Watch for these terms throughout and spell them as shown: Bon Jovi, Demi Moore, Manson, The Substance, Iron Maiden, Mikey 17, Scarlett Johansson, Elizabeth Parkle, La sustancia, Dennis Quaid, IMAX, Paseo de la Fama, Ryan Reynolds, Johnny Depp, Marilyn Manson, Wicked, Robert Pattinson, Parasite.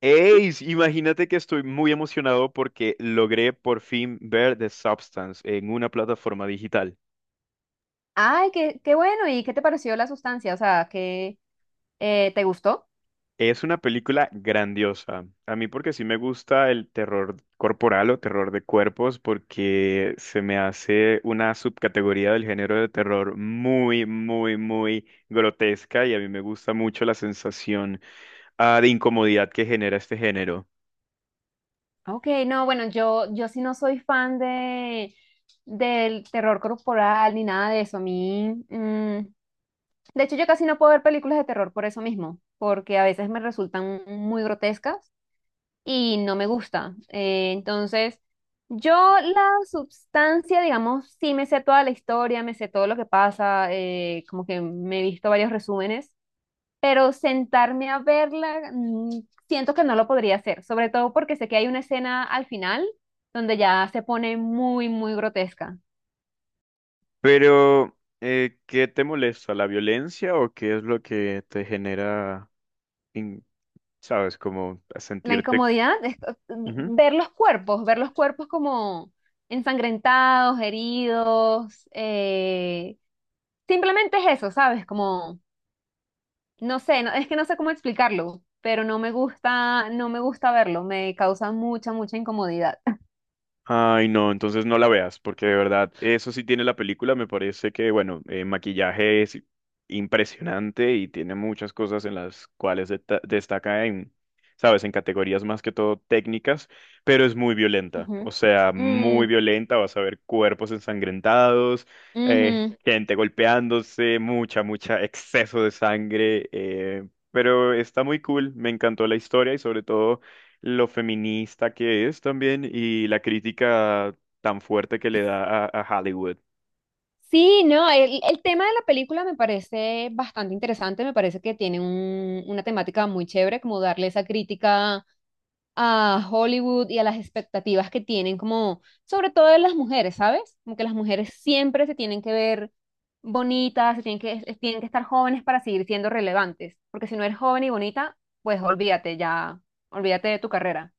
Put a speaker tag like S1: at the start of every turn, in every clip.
S1: Ey, sí, imagínate que estoy muy emocionado porque logré por fin ver The Substance en una plataforma digital.
S2: Ay, qué bueno. ¿Y qué te pareció la sustancia? O sea, ¿qué te gustó?
S1: Es una película grandiosa. A mí porque sí me gusta el terror corporal o terror de cuerpos porque se me hace una subcategoría del género de terror muy, muy, muy grotesca y a mí me gusta mucho la sensación, de incomodidad que genera este género.
S2: Ok, no, bueno, yo sí no soy fan del terror corporal ni nada de eso. A mí, de hecho, yo casi no puedo ver películas de terror por eso mismo, porque a veces me resultan muy grotescas y no me gusta. Entonces, yo la sustancia, digamos, sí me sé toda la historia, me sé todo lo que pasa, como que me he visto varios resúmenes, pero sentarme a verla, siento que no lo podría hacer, sobre todo porque sé que hay una escena al final donde ya se pone muy, muy grotesca.
S1: Pero, ¿qué te molesta? ¿La violencia o qué es lo que te genera? in- ¿Sabes? Como a
S2: La
S1: sentirte...
S2: incomodidad es
S1: Ujú.
S2: ver los cuerpos como ensangrentados, heridos, simplemente es eso, ¿sabes? Como, no sé, es que no sé cómo explicarlo, pero no me gusta, no me gusta verlo, me causa mucha, mucha incomodidad.
S1: Ay, no, entonces no la veas, porque de verdad, eso sí tiene la película, me parece que, bueno, maquillaje es impresionante y tiene muchas cosas en las cuales destaca en, ¿sabes? En categorías más que todo técnicas, pero es muy violenta,
S2: Ujú.
S1: o sea, muy
S2: Mm,
S1: violenta, vas a ver cuerpos ensangrentados,
S2: ujú.
S1: gente golpeándose, mucha, mucha exceso de sangre, pero está muy cool, me encantó la historia y sobre todo... lo feminista que es también y la crítica tan fuerte que le da a Hollywood.
S2: Sí, no, el tema de la película me parece bastante interesante, me parece que tiene una temática muy chévere, como darle esa crítica a Hollywood y a las expectativas que tienen, como sobre todo de las mujeres, ¿sabes? Como que las mujeres siempre se tienen que ver bonitas, se tienen que, tienen que estar jóvenes para seguir siendo relevantes, porque si no eres joven y bonita, pues olvídate ya, olvídate de tu carrera.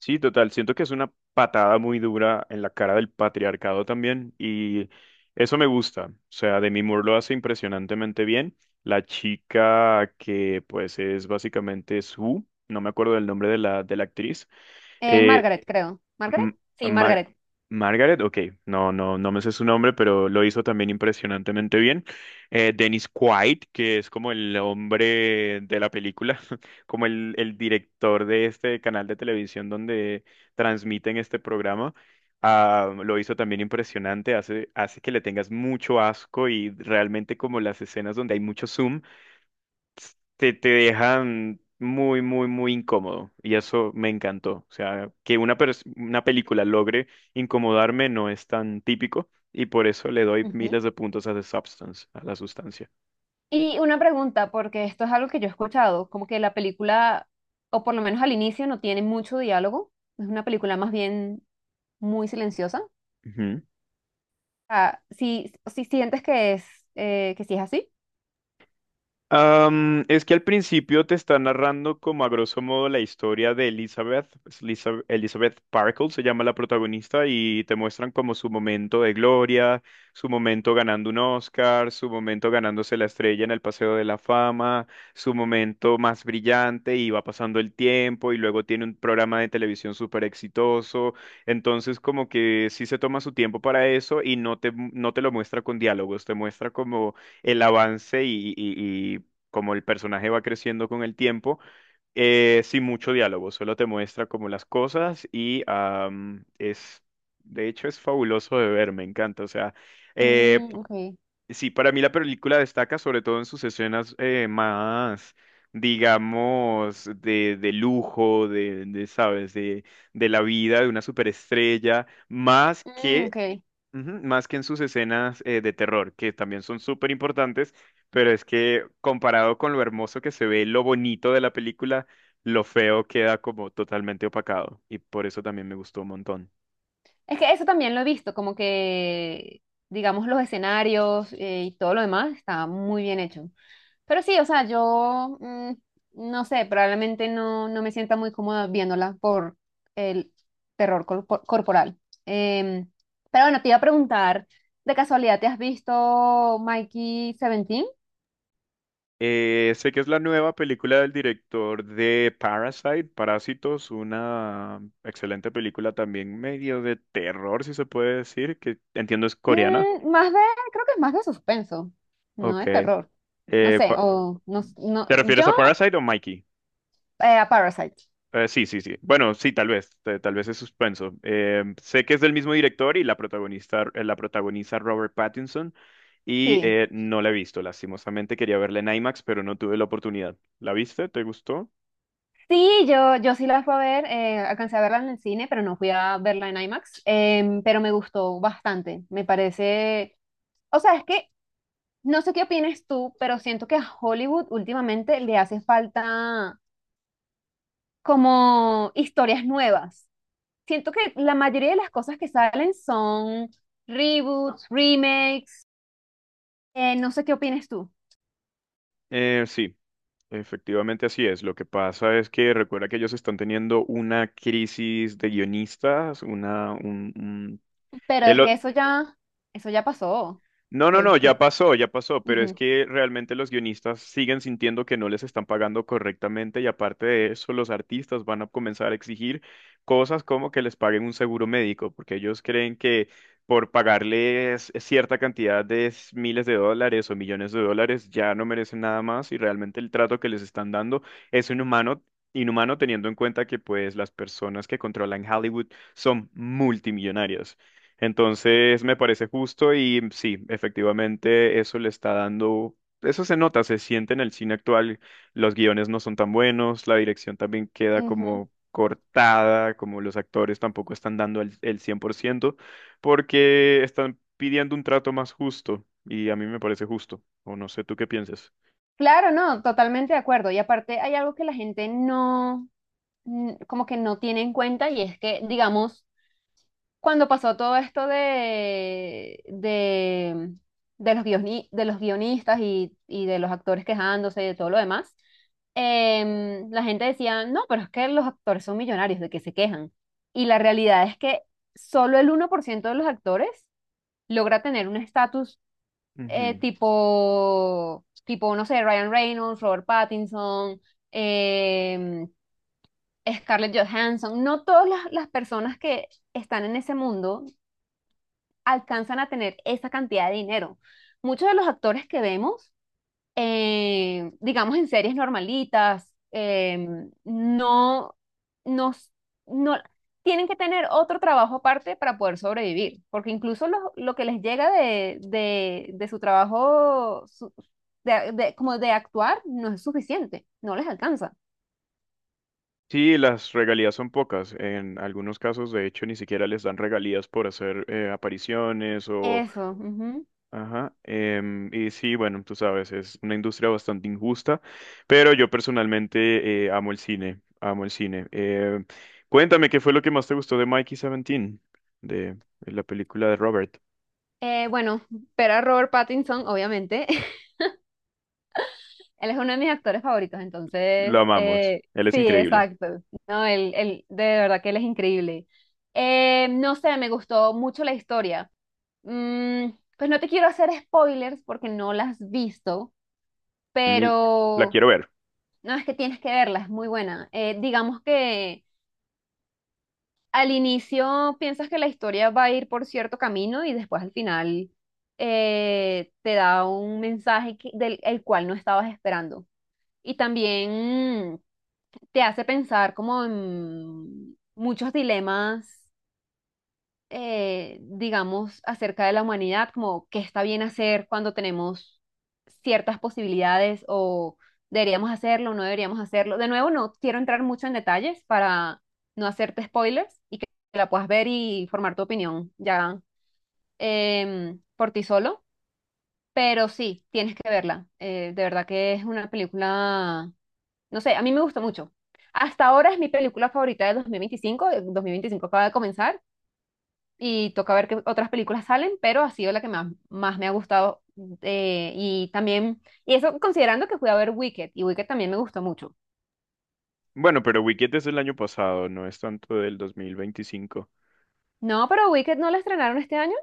S1: Sí, total, siento que es una patada muy dura en la cara del patriarcado también y eso me gusta. O sea, Demi Moore lo hace impresionantemente bien. La chica que pues es básicamente su, no me acuerdo del nombre de la actriz, eh,
S2: Margaret, creo. ¿Margaret?
S1: M-
S2: Sí,
S1: Mar-
S2: Margaret.
S1: Margaret, ok, no me sé su nombre, pero lo hizo también impresionantemente bien. Dennis Quaid, que es como el hombre de la película, como el director de este canal de televisión donde transmiten este programa, lo hizo también impresionante, hace, hace que le tengas mucho asco y realmente como las escenas donde hay mucho zoom te dejan muy, muy, muy incómodo. Y eso me encantó. O sea, que una película logre incomodarme no es tan típico. Y por eso le doy
S2: Ujú.
S1: miles de puntos a The Substance, a la sustancia.
S2: Y una pregunta, porque esto es algo que yo he escuchado, como que la película, o por lo menos al inicio, no tiene mucho diálogo, es una película más bien muy silenciosa. Ah, si sientes que es, que sí es así.
S1: Es que al principio te está narrando como a grosso modo la historia de Elizabeth, pues, Elizabeth Parkle se llama la protagonista y te muestran como su momento de gloria, su momento ganando un Oscar, su momento ganándose la estrella en el Paseo de la Fama, su momento más brillante y va pasando el tiempo y luego tiene un programa de televisión súper exitoso, entonces como que sí se toma su tiempo para eso y no no te lo muestra con diálogos, te muestra como el avance y como el personaje va creciendo con el tiempo, sin mucho diálogo, solo te muestra como las cosas y de hecho, es fabuloso de ver, me encanta. O sea, eh,
S2: Mm, ok.
S1: sí, para mí la película destaca sobre todo en sus escenas más, digamos, de lujo, ¿sabes? De la vida de una superestrella, más
S2: Mm,
S1: que
S2: ok.
S1: ujú, más que en sus escenas de terror, que también son súper importantes, pero es que comparado con lo hermoso que se ve, lo bonito de la película, lo feo queda como totalmente opacado y por eso también me gustó un montón.
S2: Es que eso también lo he visto, como que, digamos, los escenarios, y todo lo demás está muy bien hecho. Pero sí, o sea, yo no sé, probablemente no, no me sienta muy cómoda viéndola por el terror corporal. Em, pero bueno, te iba a preguntar, ¿de casualidad te has visto Mikey 17?
S1: Sé que es la nueva película del director de Parasite, Parásitos, una excelente película también medio de terror, si se puede decir, que entiendo es coreana.
S2: Mm, más de, Creo que es más de suspenso, no
S1: Ok.
S2: de terror. No
S1: Eh,
S2: sé,
S1: pa-
S2: o no, no
S1: ¿Te
S2: yo
S1: refieres a Parasite o Mikey?
S2: a Parasite.
S1: Sí, sí, sí. Bueno, sí, tal vez es suspenso. Sé que es del mismo director y la protagonista, la protagoniza Robert Pattinson y
S2: Sí,
S1: no la he visto, lastimosamente quería verla en IMAX, pero no tuve la oportunidad. ¿La viste? ¿Te gustó?
S2: sí, yo sí la fui a ver, alcancé a verla en el cine, pero no fui a verla en IMAX, pero me gustó bastante, me parece, o sea, es que no sé qué opinas tú, pero siento que a Hollywood últimamente le hace falta como historias nuevas. Siento que la mayoría de las cosas que salen son reboots, remakes, no sé qué opinas tú,
S1: Sí, efectivamente así es. Lo que pasa es que recuerda que ellos están teniendo una crisis de guionistas, una, un-
S2: pero es
S1: el-
S2: que eso ya pasó.
S1: no, no,
S2: Que,
S1: no,
S2: que-
S1: ya pasó, pero es
S2: Ujú,
S1: que realmente los guionistas siguen sintiendo que no les están pagando correctamente y aparte de eso, los artistas van a comenzar a exigir cosas como que les paguen un seguro médico, porque ellos creen que por pagarles cierta cantidad miles de dólares o millones de dólares ya no merecen nada más y realmente el trato que les están dando es inhumano. Inhumano teniendo en cuenta que pues las personas que controlan Hollywood son multimillonarias. Entonces me parece justo y sí, efectivamente eso le está dando, eso se nota, se siente en el cine actual, los guiones no son tan buenos, la dirección también queda
S2: ujú.
S1: como cortada, como los actores tampoco están dando el 100% porque están pidiendo un trato más justo y a mí me parece justo, o no sé tú qué piensas.
S2: Claro, no, totalmente de acuerdo. Y aparte hay algo que la gente no, como que no tiene en cuenta, y es que, digamos, cuando pasó todo esto de los de los guionistas y de los actores quejándose y de todo lo demás, la gente decía, no, pero es que los actores son millonarios, ¿de que se quejan? Y la realidad es que solo el 1% de los actores logra tener un estatus
S1: Ujú.
S2: tipo, tipo, no sé, Ryan Reynolds, Robert Pattinson, em, Scarlett Johansson, no todas las personas que están en ese mundo alcanzan a tener esa cantidad de dinero. Muchos de los actores que vemos digamos, en series normalitas, no, no, no, tienen que tener otro trabajo aparte para poder sobrevivir, porque incluso lo que les llega de su trabajo, como de actuar, no es suficiente, no les alcanza.
S1: Sí, las regalías son pocas. En algunos casos, de hecho, ni siquiera les dan regalías por hacer apariciones o
S2: Eso. Ujú.
S1: ajá, y sí, bueno, tú sabes, es una industria bastante injusta, pero yo personalmente amo el cine, amo el cine. Cuéntame, ¿qué fue lo que más te gustó de Mikey 17, de, de la película de Robert?
S2: Bueno, ver a Robert Pattinson, obviamente. Él es uno de mis actores favoritos,
S1: Lo
S2: entonces,
S1: amamos, él es
S2: sí,
S1: increíble.
S2: exacto. No, de verdad que él es increíble. No sé, me gustó mucho la historia. Mm, pues no te quiero hacer spoilers porque no las has visto,
S1: Mil- la
S2: pero
S1: quiero ver.
S2: no, es que tienes que verla, es muy buena. Digamos que al inicio piensas que la historia va a ir por cierto camino y después al final te da un mensaje del el cual no estabas esperando. Y también, te hace pensar como en muchos dilemas, digamos, acerca de la humanidad, como qué está bien hacer cuando tenemos ciertas posibilidades o deberíamos hacerlo, no deberíamos hacerlo. De nuevo, no quiero entrar mucho en detalles para no hacerte spoilers y que la puedas ver y formar tu opinión ya, por ti solo, pero sí, tienes que verla. De verdad que es una película, no sé, a mí me gusta mucho. Hasta ahora es mi película favorita de 2025. El 2025 acaba de comenzar y toca ver qué otras películas salen, pero ha sido la que más, más me ha gustado. Y también, y eso considerando que fui a ver Wicked, y Wicked también me gustó mucho.
S1: Bueno, pero Wicked es del año pasado, no es tanto del 2025.
S2: No, pero Wicked no la estrenaron este año.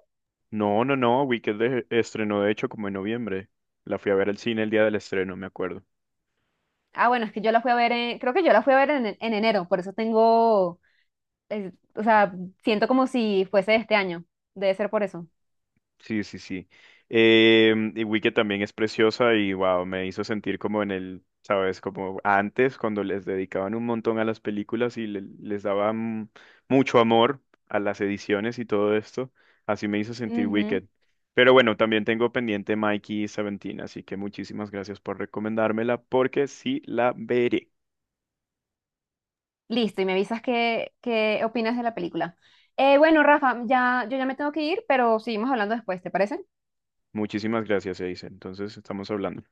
S1: No, no, no, Wicked estrenó de hecho como en noviembre. La fui a ver al cine el día del estreno, me acuerdo.
S2: Ah, bueno, es que yo la fui a ver, creo que yo la fui a ver en, enero, por eso tengo, o sea, siento como si fuese de este año. Debe ser por eso.
S1: Sí, sí, sí. Y Wicked también es preciosa y wow, me hizo sentir como en el, sabes, como antes cuando les dedicaban un montón a las películas y les daban mucho amor a las ediciones y todo esto. Así me hizo sentir Wicked. Pero bueno, también tengo pendiente Mikey y Seventeen, así que muchísimas gracias por recomendármela porque sí la veré.
S2: Listo, y me avisas qué opinas de la película. Bueno, Rafa, yo ya me tengo que ir, pero seguimos hablando después, ¿te parece?
S1: Muchísimas gracias, dice. Entonces estamos hablando.